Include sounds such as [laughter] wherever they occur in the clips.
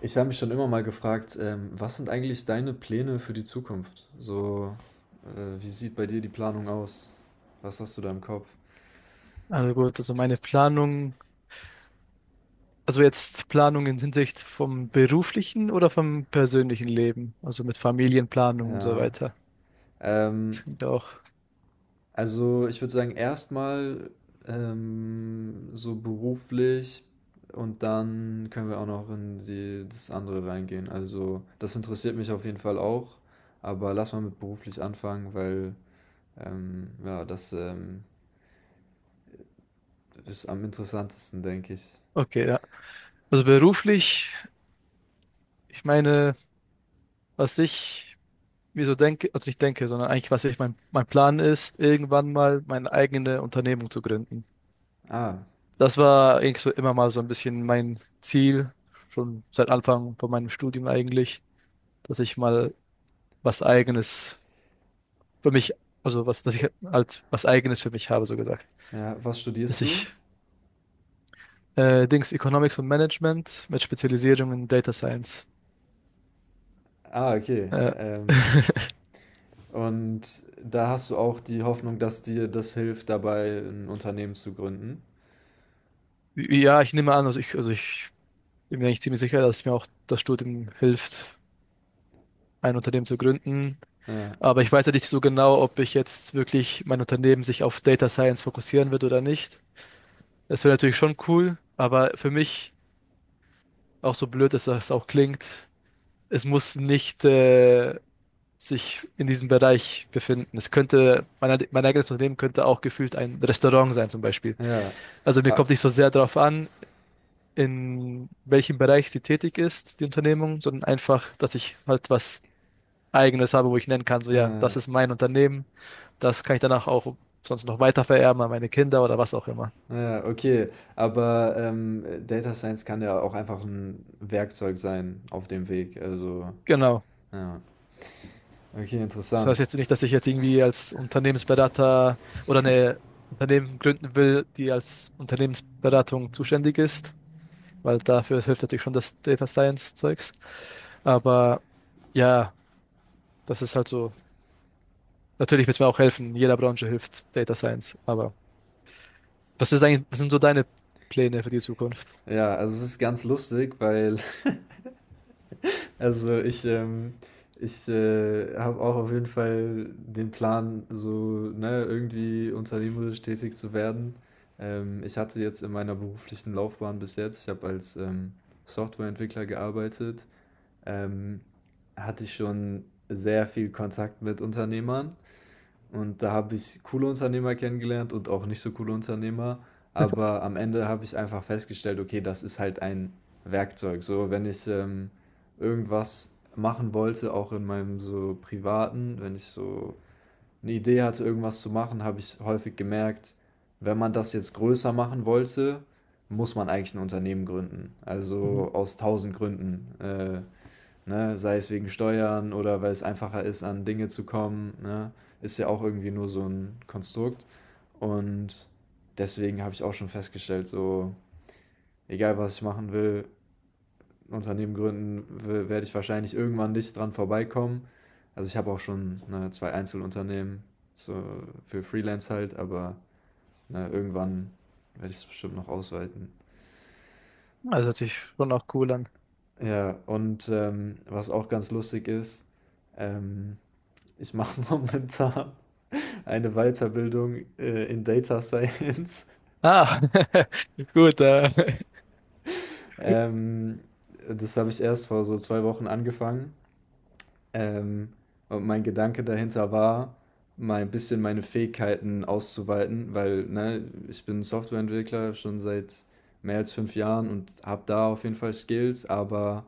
Ich habe mich schon immer mal gefragt, was sind eigentlich deine Pläne für die Zukunft? So, wie sieht bei dir die Planung aus? Was hast du da im Kopf? Also gut, also meine Planung, also jetzt Planung in Hinsicht vom beruflichen oder vom persönlichen Leben, also mit Familienplanung und so Ja. weiter. Das Ähm, klingt ja auch. also ich würde sagen, erstmal so beruflich und dann können wir auch noch in die, das andere reingehen. Also das interessiert mich auf jeden Fall auch, aber lass mal mit beruflich anfangen, weil ja, das ist am interessantesten, denke ich. Okay, ja. Also beruflich, ich meine, was ich mir so denke, also nicht denke, sondern eigentlich, was ich mein Plan ist, irgendwann mal meine eigene Unternehmung zu gründen. Ah. Das war eigentlich so immer mal so ein bisschen mein Ziel, schon seit Anfang von meinem Studium eigentlich, dass ich mal was Eigenes für mich, also was, dass ich halt was Eigenes für mich habe, so gesagt. Ja, was Dass studierst du? ich Dings Economics und Management mit Spezialisierung in Data Science. Ah, okay. Äh, [laughs] Und da hast du auch die Hoffnung, dass dir das hilft, dabei ein Unternehmen zu gründen? ja, ich nehme an, also ich bin mir eigentlich ziemlich sicher, dass mir auch das Studium hilft, ein Unternehmen zu gründen. Ja, Aber ich weiß ja nicht so genau, ob ich jetzt wirklich mein Unternehmen sich auf Data Science fokussieren wird oder nicht. Das wäre natürlich schon cool, aber für mich, auch so blöd, dass das auch klingt, es muss nicht sich in diesem Bereich befinden. Es könnte, mein eigenes Unternehmen könnte auch gefühlt ein Restaurant sein, zum Beispiel. ja. Also mir Ah, kommt nicht so sehr darauf an, in welchem Bereich sie tätig ist, die Unternehmung, sondern einfach, dass ich halt was Eigenes habe, wo ich nennen kann, so ja, das ah, ist mein Unternehmen, das kann ich danach auch sonst noch weiter vererben an meine Kinder oder was auch immer. ja, okay. Aber Data Science kann ja auch einfach ein Werkzeug sein auf dem Weg. Also, Genau. ja. Okay, Das heißt interessant. jetzt nicht, dass ich jetzt irgendwie als Unternehmensberater oder eine Unternehmen gründen will, die als Unternehmensberatung zuständig ist, weil dafür hilft natürlich schon das Data Science Zeugs. Aber ja, das ist halt so. Natürlich wird es mir auch helfen. In jeder Branche hilft Data Science. Aber was ist eigentlich, was sind so deine Pläne für die Zukunft? Ja, also es ist ganz lustig, weil Also ich, ähm habe auch auf jeden Fall den Plan, so, ne, irgendwie unternehmerisch tätig zu werden. Ich hatte jetzt in meiner beruflichen Laufbahn bis jetzt ich habe als, Softwareentwickler gearbeitet, ähm, hatte ich schon sehr viel Kontakt mit Unternehmern und da habe ich coole Unternehmer kennengelernt und auch nicht so coole Unternehmer. Aber am Ende habe ich einfach festgestellt, okay, das ist halt ein Werkzeug. So, wenn ich irgendwas machen wollte, auch in meinem so privaten, wenn ich so eine Idee hatte, irgendwas zu machen, habe ich häufig gemerkt, wenn man das jetzt größer machen wollte, muss man eigentlich ein Unternehmen gründen. Mhm. Also aus tausend Gründen. Ne? Sei es wegen Steuern oder weil es einfacher ist, an Dinge zu kommen, ne? Ist ja auch irgendwie nur so ein Konstrukt. Und deswegen habe ich auch schon festgestellt, so, egal was ich machen will, Unternehmen gründen, w werde ich wahrscheinlich irgendwann nicht dran vorbeikommen. Also, ich habe auch schon, ne, 2 Einzelunternehmen, so für Freelance halt, aber, ne, irgendwann werde ich's bestimmt noch ausweiten. Also hört sich schon auch cool an. Ja, und, was auch ganz lustig ist, ähm, ich mache [laughs] momentan eine Weiterbildung in Data Science. [laughs] Ah, [laughs] gut. Ähm, Das habe ich erst vor so zwei Wochen angefangen. Ähm, und mein Gedanke dahinter war, mal ein bisschen meine Fähigkeiten auszuweiten, weil ne, ich bin Softwareentwickler schon seit mehr als fünf Jahren und habe da auf jeden Fall Skills, aber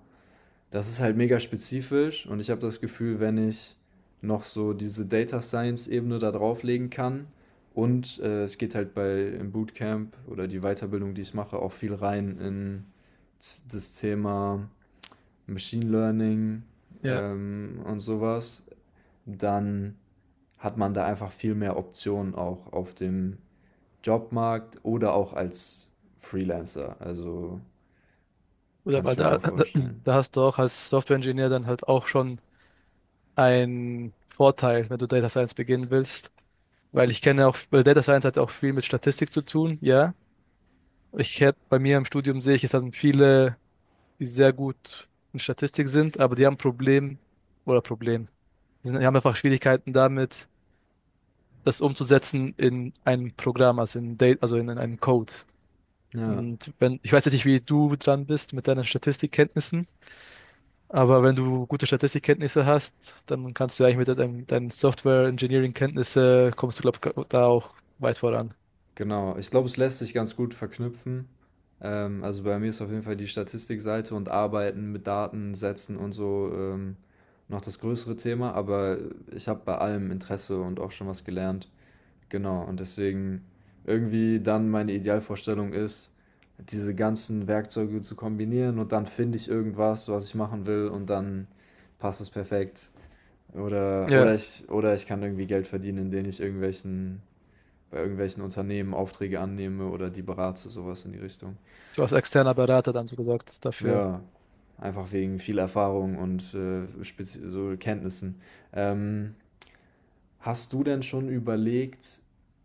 das ist halt mega spezifisch und ich habe das Gefühl, wenn ich noch so diese Data Science Ebene da drauflegen kann und es geht halt bei im Bootcamp oder die Weiterbildung, die ich mache, auch viel rein in das Thema Machine Learning Ja, und sowas, dann hat man da einfach viel mehr Optionen auch auf dem Jobmarkt oder auch als Freelancer. Also gut, kann aber ich mir da, auch da vorstellen. da hast du auch als Software-Ingenieur dann halt auch schon einen Vorteil, wenn du Data Science beginnen willst. Weil ich kenne auch, weil Data Science hat ja auch viel mit Statistik zu tun, ja. Ich hätte bei mir im Studium sehe ich, es haben viele, die sehr gut in Statistik sind, aber die haben ein Problem oder Problem. Die sind, die haben einfach Schwierigkeiten damit, das umzusetzen in ein Programm, also in Date, also in einem Code. Ja. Und wenn, ich weiß jetzt nicht, wie du dran bist mit deinen Statistikkenntnissen, aber wenn du gute Statistikkenntnisse hast, dann kannst du ja eigentlich mit deinen Software-Engineering-Kenntnisse kommst du, glaube ich, da auch weit voran. Genau, ich glaube, es lässt sich ganz gut verknüpfen. Also bei mir ist auf jeden Fall die Statistikseite und Arbeiten mit Datensätzen und so noch das größere Thema, aber ich habe bei allem Interesse und auch schon was gelernt. Genau, und deswegen irgendwie dann meine Idealvorstellung ist, diese ganzen Werkzeuge zu kombinieren und dann finde ich irgendwas, was ich machen will und dann passt es perfekt. Ja, Oder ich kann irgendwie Geld verdienen, indem ich irgendwelchen bei irgendwelchen Unternehmen Aufträge annehme oder die berate, sowas in die Richtung. so als externer Berater dann so gesagt dafür. Ja, einfach wegen viel Erfahrung und so Kenntnissen. Ähm, Hast du denn schon überlegt,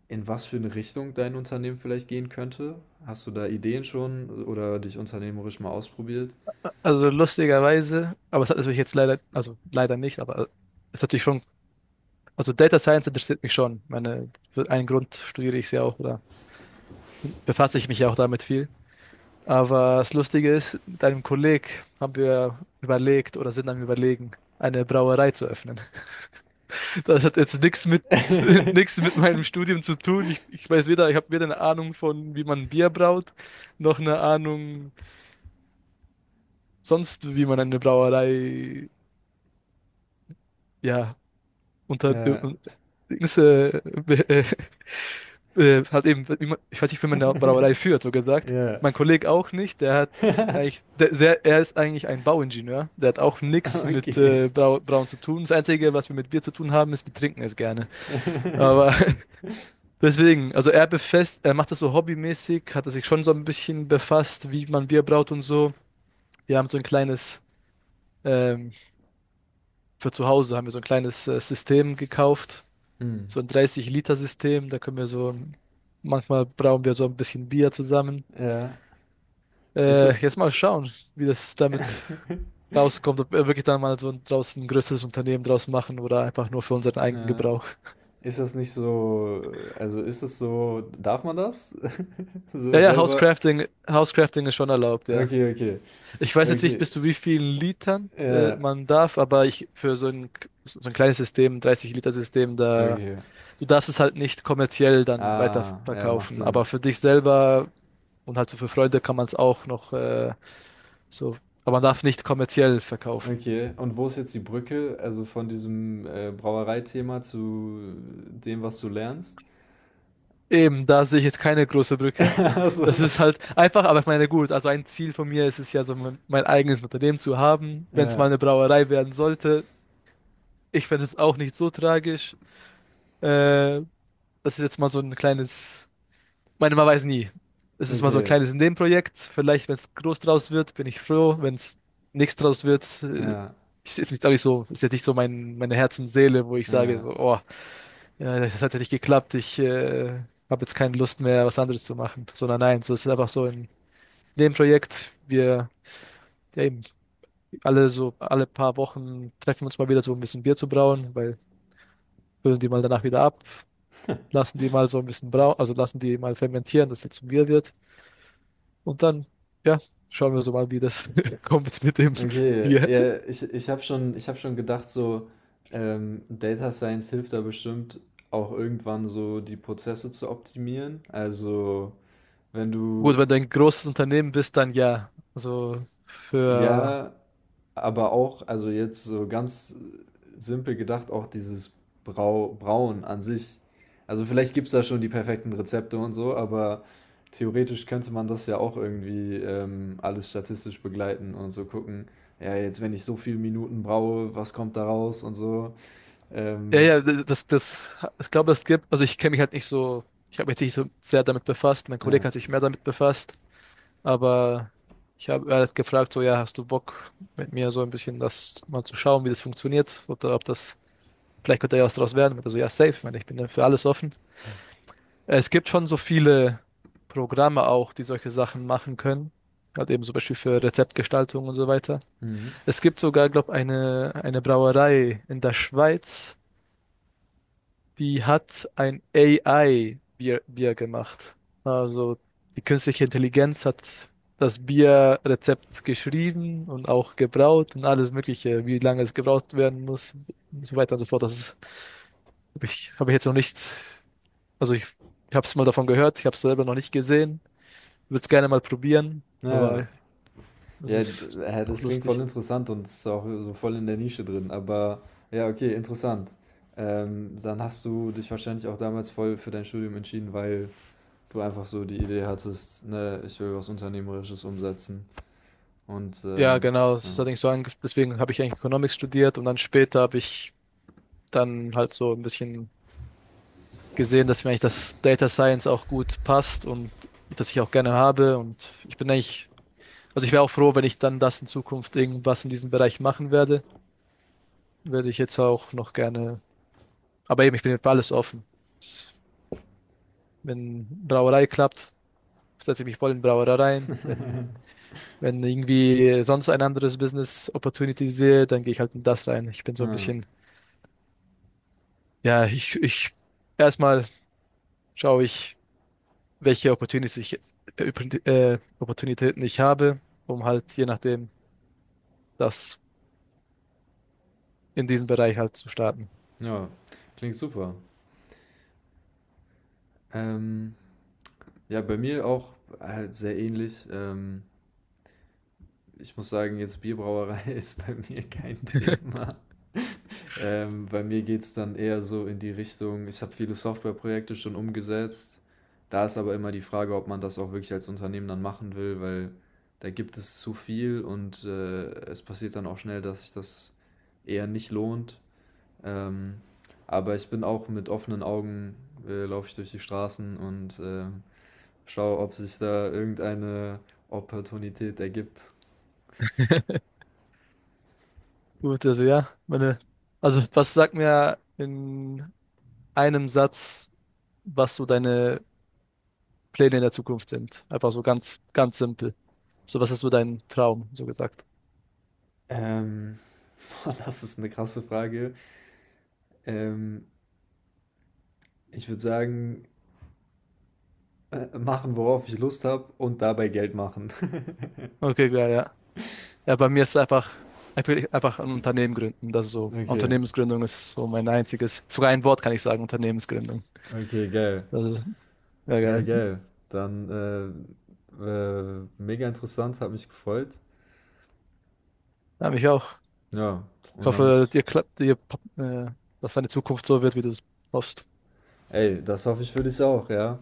in was für eine Richtung dein Unternehmen vielleicht gehen könnte? Hast du da Ideen schon oder dich unternehmerisch mal ausprobiert? Also lustigerweise, aber es hat natürlich jetzt leider, also leider nicht, aber es hat natürlich schon, also Data Science interessiert mich schon. Ich meine, für einen Grund studiere ich es ja auch oder befasse ich mich ja auch damit viel. Aber das Lustige ist, mit einem Kolleg haben wir überlegt oder sind am Überlegen, eine Brauerei zu öffnen. [laughs] Das hat jetzt nichts mit, [laughs] nichts mit meinem Studium zu tun. Ich weiß weder, ich habe weder eine Ahnung von, wie man Bier braut, noch eine Ahnung sonst, wie man eine Brauerei ja, und dann Ja. und Dings, äh, hat eben, immer- ich weiß nicht, wie man eine Brauerei [laughs] führt, so gesagt. Ja. Mein Kollege auch nicht, der hat eigentlich, der, sehr, er ist eigentlich ein Bauingenieur, der hat auch nichts mit Brau, Brauen zu tun. Das Einzige, was wir mit Bier zu tun haben, ist, wir trinken es gerne. Aber [laughs] deswegen, also er befasst, er macht das so hobbymäßig, hat er sich schon so ein bisschen befasst, wie man Bier braut und so. Wir haben so ein kleines, ähm, für zu Hause haben wir so ein kleines System gekauft, Hm. so ein 30-Liter-System. Da können wir so, manchmal brauchen wir so ein bisschen Bier zusammen. Ja. Ist das, Jetzt mal schauen, wie das damit [laughs] rauskommt, ob wir wirklich dann mal so ein, draußen ein größeres Unternehmen draus machen oder einfach nur für unseren eigenen ja. Gebrauch. Ist das nicht so, also ist das so, darf man das? [laughs] So Ja, ja, selber. Housecrafting, Housecrafting ist schon erlaubt, ja. Okay, okay, Ich weiß jetzt nicht, okay. bis zu wie vielen Litern Ja, man darf, aber ich für so ein kleines System, 30-Liter-System, da okay. du darfst es halt nicht kommerziell dann Ah, ja, macht weiterverkaufen. Aber Sinn. für dich selber und halt so für Freunde kann man es auch noch so, aber man darf nicht kommerziell verkaufen. Okay, und wo ist jetzt die Brücke, also von diesem Brauereithema zu dem, was du lernst? Eben, da sehe ich jetzt keine große Brücke. [laughs] Das Also, ist halt einfach, aber ich meine, gut, also ein Ziel von mir ist es ja so, mein eigenes Unternehmen zu haben, wenn es mal ja, eine Brauerei werden sollte. Ich fände es auch nicht so tragisch. Äh, das ist jetzt mal so ein kleines, ich meine, man weiß nie. Es ist mal so ein okay, kleines Nebenprojekt. Vielleicht, wenn es groß draus wird, bin ich froh. Wenn es nichts draus wird, ja, ist jetzt nicht, glaube ich, so, ist jetzt nicht so mein, meine Herz und Seele, wo ich sage, ja, so, oh, ja, das hat ja nicht geklappt. Ich habe jetzt keine Lust mehr, was anderes zu machen, sondern nein, so ist es einfach so in dem Projekt. Wir ja eben alle so alle paar Wochen treffen wir uns mal wieder so ein bisschen Bier zu brauen, weil füllen die mal danach wieder ab, lassen die mal so ein bisschen brauen, also lassen die mal fermentieren, dass das zum Bier wird. Und dann, ja, schauen wir so mal, wie das [laughs] kommt mit dem okay. Bier. Ja, ich hab schon gedacht, so Data Science hilft da bestimmt auch irgendwann so die Prozesse zu optimieren. Also, wenn Gut, du, wenn du ein großes Unternehmen bist, dann ja. Also für ja, aber auch, also jetzt so ganz simpel gedacht, auch dieses Brauen an sich. Also vielleicht gibt es da schon die perfekten Rezepte und so, aber theoretisch könnte man das ja auch irgendwie alles statistisch begleiten und so gucken, ja, jetzt wenn ich so viele Minuten braue, was kommt da raus und so. ja, Ähm, ja, ich glaube, es gibt, also ich kenne mich halt nicht so, ich habe mich jetzt nicht so sehr damit befasst, mein Kollege ja. hat sich mehr damit befasst, aber ich habe, er hat gefragt, so, ja, hast du Bock, mit mir so ein bisschen das mal zu schauen, wie das funktioniert, oder ob das, vielleicht könnte ja was draus werden, also ja, safe, ich meine, ich bin ja für alles offen. Es gibt schon so viele Programme auch, die solche Sachen machen können, halt eben zum Beispiel für Rezeptgestaltung und so weiter. Mhm. Es gibt sogar, glaube ich, eine Brauerei in der Schweiz, die hat ein AI-Bier Bier gemacht. Also die künstliche Intelligenz hat das Bierrezept geschrieben und auch gebraut und alles Mögliche, wie lange es gebraut werden muss und so weiter und so fort. Das ist, habe ich, hab ich jetzt noch nicht, also ich habe es mal davon gehört, ich habe es selber noch nicht gesehen, würde es gerne mal probieren, Ja, ja. aber es Ja, ist doch das klingt voll lustig. interessant und ist auch so voll in der Nische drin. Aber ja, okay, interessant. Dann hast du dich wahrscheinlich auch damals voll für dein Studium entschieden, weil du einfach so die Idee hattest, ne, ich will was Unternehmerisches umsetzen. Und Ja, genau. Das ja. ist allerdings so ange- deswegen habe ich eigentlich Economics studiert und dann später habe ich dann halt so ein bisschen gesehen, dass mir eigentlich das Data Science auch gut passt und das ich auch gerne habe. Und ich bin eigentlich, also ich wäre auch froh, wenn ich dann das in Zukunft irgendwas in diesem Bereich machen werde. Würde ich jetzt auch noch gerne. Aber eben, ich bin für alles offen. Wenn Brauerei klappt, setze ich mich voll in Brauerei rein. Wenn, wenn irgendwie sonst ein anderes Business Opportunity sehe, dann gehe ich halt in das rein. Ich bin so ein Ah, bisschen, ja, ich erstmal schaue ich welche Opportunities ich, Oppor- Opportunitäten ich habe, um halt je nachdem das in diesem Bereich halt zu starten. ja, klingt super. Ähm, ja, bei mir auch halt sehr ähnlich. Ich muss sagen, jetzt Bierbrauerei [laughs] ist bei mir kein Thema. Bei mir geht es dann eher so in die Richtung, ich habe viele Softwareprojekte schon umgesetzt. Da ist aber immer die Frage, ob man das auch wirklich als Unternehmen dann machen will, weil da gibt es zu viel und es passiert dann auch schnell, dass sich das eher nicht lohnt. Ähm, aber ich bin auch mit offenen Augen, laufe ich durch die Straßen und schaue, ob sich da irgendeine Opportunität ergibt. [laughs] Gut, also ja, meine, also was sagt mir in einem Satz, was so deine Pläne in der Zukunft sind? Einfach so ganz, ganz simpel. So, was ist so dein Traum, so gesagt? Ähm, [laughs] Boah, das ist eine krasse Frage. Ähm, Ich würde sagen, machen, worauf ich Lust habe und dabei Geld machen. [laughs] Okay, klar, ja. Ja, bei mir ist es einfach, ich will einfach ein Unternehmen gründen. Das ist so, Okay, Unternehmensgründung ist so mein einziges, sogar ein Wort kann ich sagen, Unternehmensgründung. okay, geil. Also, ja, Ja, geil. geil. Dann mega interessant, hat mich gefreut. Ja, mich auch. Ja, Ich und dann bist hoffe, du. dir klappt, dir, äh, dass deine Zukunft so wird, wie du es hoffst. Ey, das hoffe ich für dich auch, ja.